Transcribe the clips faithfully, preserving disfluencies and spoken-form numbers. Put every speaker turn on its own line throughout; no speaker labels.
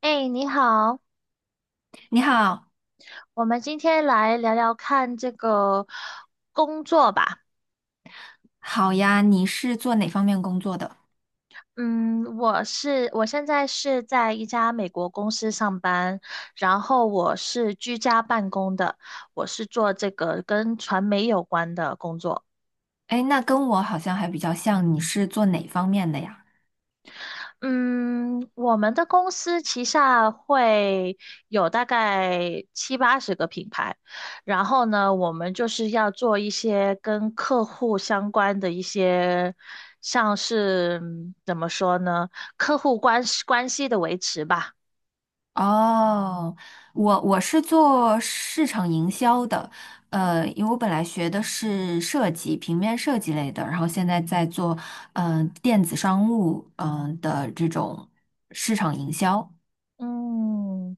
哎，你好，
你好，
我们今天来聊聊看这个工作吧。
好呀，你是做哪方面工作的？
嗯，我是我现在是在一家美国公司上班，然后我是居家办公的，我是做这个跟传媒有关的工作。
哎，那跟我好像还比较像，你是做哪方面的呀？
嗯，我们的公司旗下会有大概七八十个品牌，然后呢，我们就是要做一些跟客户相关的一些，像是嗯怎么说呢，客户关系关系的维持吧。
哦，我我是做市场营销的，呃，因为我本来学的是设计，平面设计类的，然后现在在做嗯、呃电子商务嗯、呃的这种市场营销。
嗯，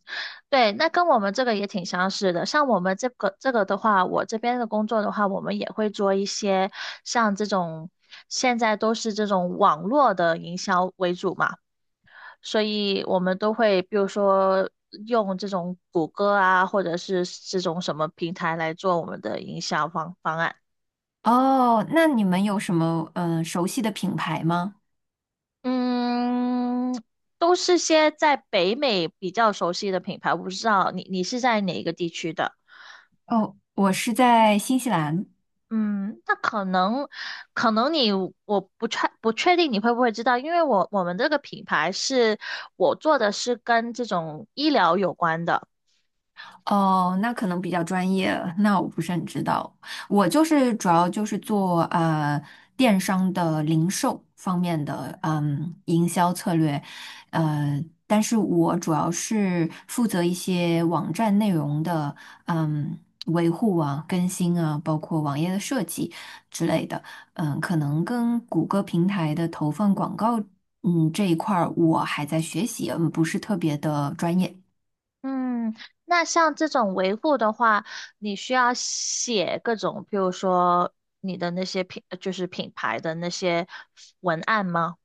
对，那跟我们这个也挺相似的。像我们这个这个的话，我这边的工作的话，我们也会做一些像这种，现在都是这种网络的营销为主嘛，所以我们都会比如说用这种谷歌啊，或者是这种什么平台来做我们的营销方方案。
哦，那你们有什么嗯、呃熟悉的品牌吗？
嗯，都是些在北美比较熟悉的品牌，我不知道你你是在哪一个地区的。
哦，我是在新西兰。
嗯，那可能，可能你我不确不确定你会不会知道，因为我我们这个品牌是我做的是跟这种医疗有关的。
哦，那可能比较专业，那我不是很知道。我就是主要就是做呃电商的零售方面的嗯营销策略，呃，但是我主要是负责一些网站内容的嗯维护啊、更新啊，包括网页的设计之类的。嗯，可能跟谷歌平台的投放广告嗯这一块儿我还在学习，嗯，不是特别的专业。
嗯，那像这种维护的话，你需要写各种，比如说你的那些品，就是品牌的那些文案吗？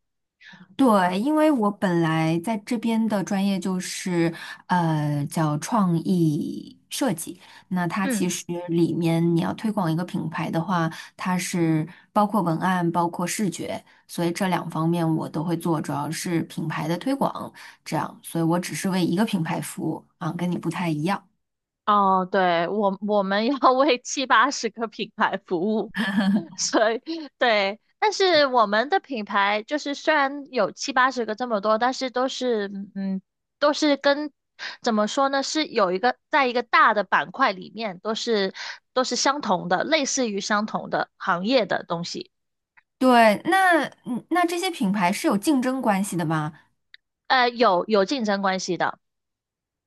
对，因为我本来在这边的专业就是呃叫创意设计，那它其
嗯。
实里面你要推广一个品牌的话，它是包括文案，包括视觉，所以这两方面我都会做，主要是品牌的推广，这样，所以我只是为一个品牌服务啊，跟你不太一样。
哦，对，我我们要 为七八十个品牌服务，所以对，但是我们的品牌就是虽然有七八十个这么多，但是都是嗯，都是跟怎么说呢，是有一个在一个大的板块里面，都是都是相同的，类似于相同的行业的东西，
对，那嗯那这些品牌是有竞争关系的吗？
呃，有有竞争关系的。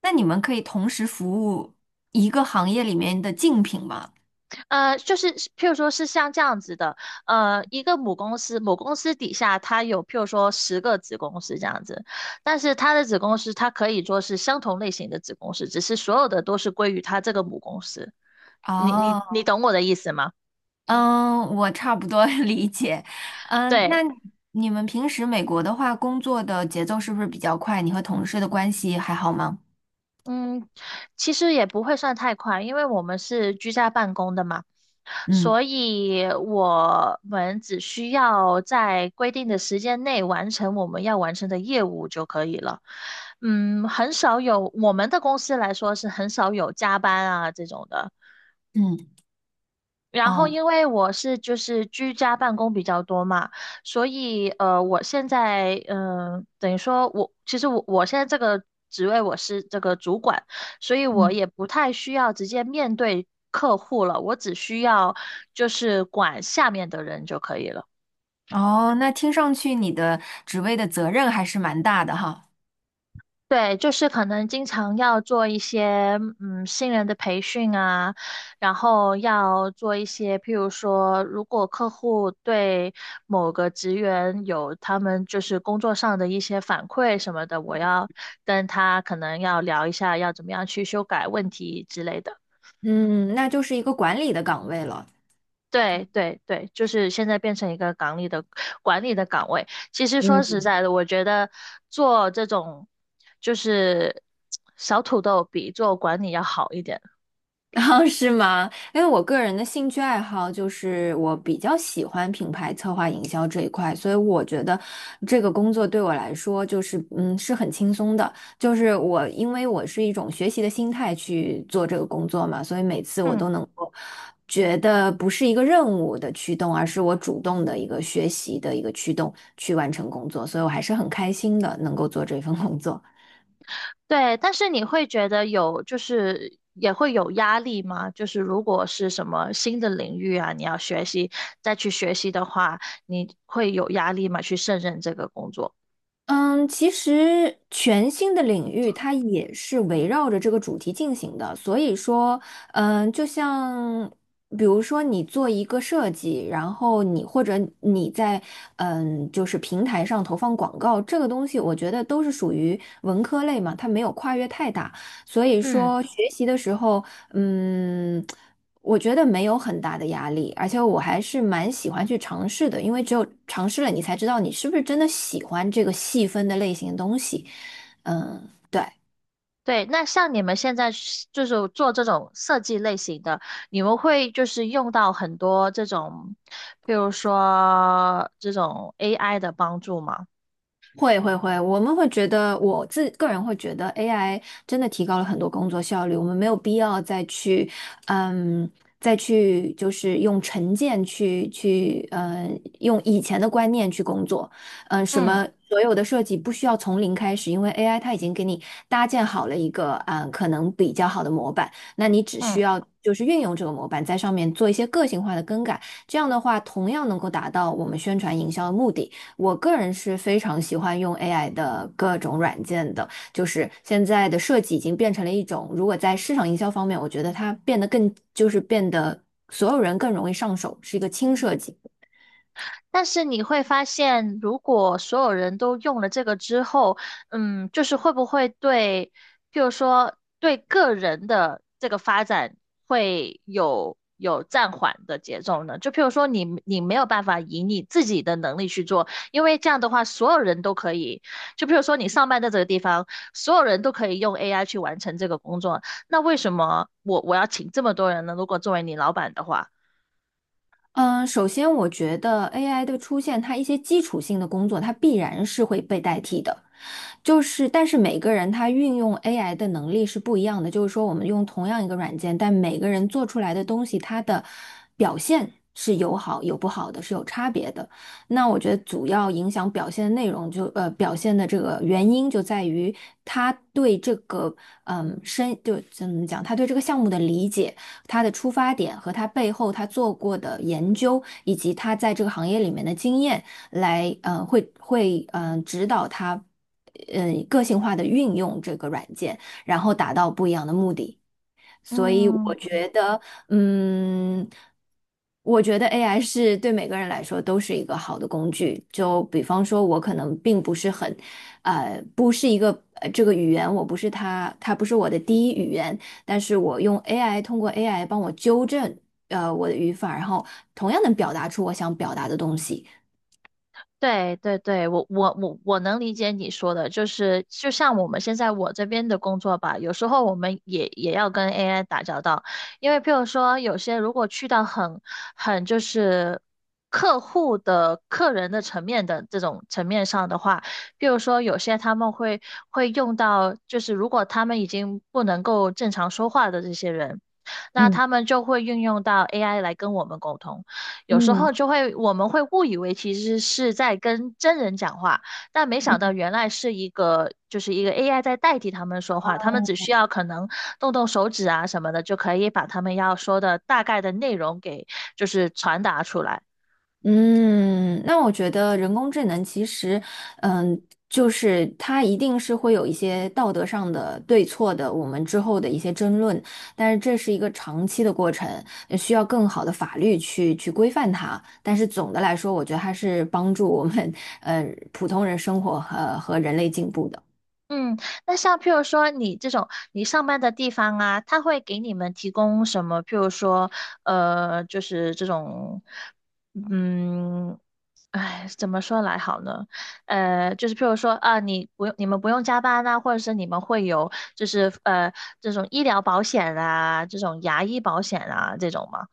那你们可以同时服务一个行业里面的竞品吗？
呃，就是譬如说是像这样子的，呃，一个母公司，母公司底下它有譬如说十个子公司这样子，但是它的子公司它可以说是相同类型的子公司，只是所有的都是归于它这个母公司。你你
哦，
你懂我的意思吗？
嗯，我差不多 理解。嗯，那
对。
你们平时美国的话，工作的节奏是不是比较快？你和同事的关系还好吗？
嗯，其实也不会算太快，因为我们是居家办公的嘛，
嗯
所以我们只需要在规定的时间内完成我们要完成的业务就可以了。嗯，很少有，我们的公司来说是很少有加班啊这种的。
嗯，
然后，
哦，
因为我是就是居家办公比较多嘛，所以呃，我现在嗯、呃等于说我其实我我现在这个职位我是这个主管，所以我
嗯，
也不太需要直接面对客户了，我只需要就是管下面的人就可以了。
哦，那听上去你的职位的责任还是蛮大的哈。
对，就是可能经常要做一些嗯新人的培训啊，然后要做一些，譬如说，如果客户对某个职员有他们就是工作上的一些反馈什么的，我要跟他可能要聊一下，要怎么样去修改问题之类的。
嗯，那就是一个管理的岗位了。
对对对，就是现在变成一个港里的管理的岗位。其实说实
嗯。
在的，我觉得做这种就是小土豆比做管理要好一点。
然后是吗？因为我个人的兴趣爱好就是我比较喜欢品牌策划营销这一块，所以我觉得这个工作对我来说就是嗯是很轻松的，就是我因为我是一种学习的心态去做这个工作嘛，所以每次我
嗯，
都能够觉得不是一个任务的驱动，而是我主动的一个学习的一个驱动去完成工作，所以我还是很开心的能够做这份工作。
对。但是你会觉得有就是也会有压力吗？就是如果是什么新的领域啊，你要学习再去学习的话，你会有压力吗？去胜任这个工作？
嗯，其实全新的领域它也是围绕着这个主题进行的，所以说，嗯，就像比如说你做一个设计，然后你或者你在嗯就是平台上投放广告，这个东西我觉得都是属于文科类嘛，它没有跨越太大。所以
嗯。
说学习的时候，嗯，我觉得没有很大的压力，而且我还是蛮喜欢去尝试的，因为只有尝试了，你才知道你是不是真的喜欢这个细分的类型的东西。嗯，对。
对，那像你们现在是就是做这种设计类型的，你们会就是用到很多这种，比如说这种 A I 的帮助吗？
会会会，我们会觉得，我自个人会觉得 A I 真的提高了很多工作效率，我们没有必要再去，嗯，再去就是用成见去去，嗯，用以前的观念去工作，嗯、什
嗯
么所有的设计不需要从零开始，因为 A I 它已经给你搭建好了一个，嗯、可能比较好的模板，那你只
嗯。
需要就是运用这个模板，在上面做一些个性化的更改，这样的话，同样能够达到我们宣传营销的目的。我个人是非常喜欢用 A I 的各种软件的，就是现在的设计已经变成了一种，如果在市场营销方面，我觉得它变得更，就是变得所有人更容易上手，是一个轻设计。
但是你会发现，如果所有人都用了这个之后，嗯，就是会不会对，譬如说对个人的这个发展会有有暂缓的节奏呢？就譬如说你你没有办法以你自己的能力去做，因为这样的话所有人都可以，就譬如说你上班的这个地方，所有人都可以用 A I 去完成这个工作，那为什么我我要请这么多人呢？如果作为你老板的话。
嗯，首先我觉得 A I 的出现，它一些基础性的工作，它必然是会被代替的。就是，但是每个人他运用 A I 的能力是不一样的。就是说，我们用同样一个软件，但每个人做出来的东西，它的表现是有好有不好的，是有差别的。那我觉得主要影响表现的内容就，呃表现的这个原因就在于他对这个嗯深就怎么讲，他对这个项目的理解。他的出发点和他背后他做过的研究，以及他在这个行业里面的经验来，呃，会会嗯呃指导他，呃，个性化的运用这个软件，然后达到不一样的目的。所以
嗯。
我觉得，嗯，我觉得 A I 是对每个人来说都是一个好的工具。就比方说，我可能并不是很，呃，不是一个呃这个语言，我不是他，他不是我的第一语言，但是我用 A I 通过 A I 帮我纠正呃我的语法，然后同样能表达出我想表达的东西。
对对对，我我我我能理解你说的，就是就像我们现在我这边的工作吧，有时候我们也也要跟 A I 打交道，因为譬如说有些如果去到很很就是客户的客人的层面的这种层面上的话，譬如说有些他们会会用到，就是如果他们已经不能够正常说话的这些人，那
嗯
他们就会运用到 A I 来跟我们沟通。有时
嗯
候就会我们会误以为其实是在跟真人讲话，但没想到
嗯
原来是一个就是一个 A I 在代替他们说话，他们只需要可能动动手指啊什么的，就可以把他们要说的大概的内容给就是传达出来。
嗯，那我觉得人工智能其实，嗯，就是它一定是会有一些道德上的对错的，我们之后的一些争论，但是这是一个长期的过程，呃需要更好的法律去去规范它。但是总的来说，我觉得它是帮助我们，呃，普通人生活和和人类进步的。
嗯，那像譬如说你这种你上班的地方啊，他会给你们提供什么？譬如说，呃，就是这种，嗯，哎，怎么说来好呢？呃，就是譬如说啊，你不用你们不用加班啊，或者是你们会有就是呃这种医疗保险啊，这种牙医保险啊这种吗？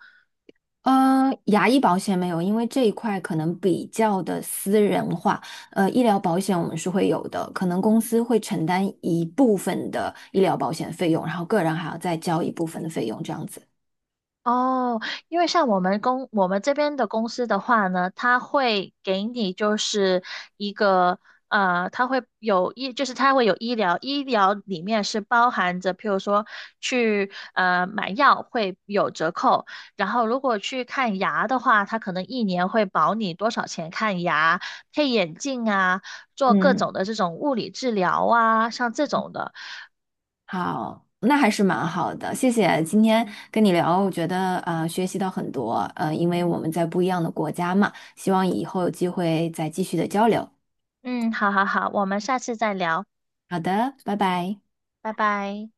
呃，牙医保险没有，因为这一块可能比较的私人化。呃，医疗保险我们是会有的，可能公司会承担一部分的医疗保险费用，然后个人还要再交一部分的费用，这样子。
哦，因为像我们公我们这边的公司的话呢，它会给你就是一个呃，它会有医，就是它会有医疗，医疗里面是包含着，譬如说去呃买药会有折扣，然后如果去看牙的话，它可能一年会保你多少钱看牙、配眼镜啊，做各
嗯
种的这种物理治疗啊，像这种的。
好，那还是蛮好的，谢谢今天跟你聊，我觉得呃学习到很多，呃，因为我们在不一样的国家嘛，希望以后有机会再继续的交流。
嗯，好好好，我们下次再聊，
好的，拜拜。
拜拜。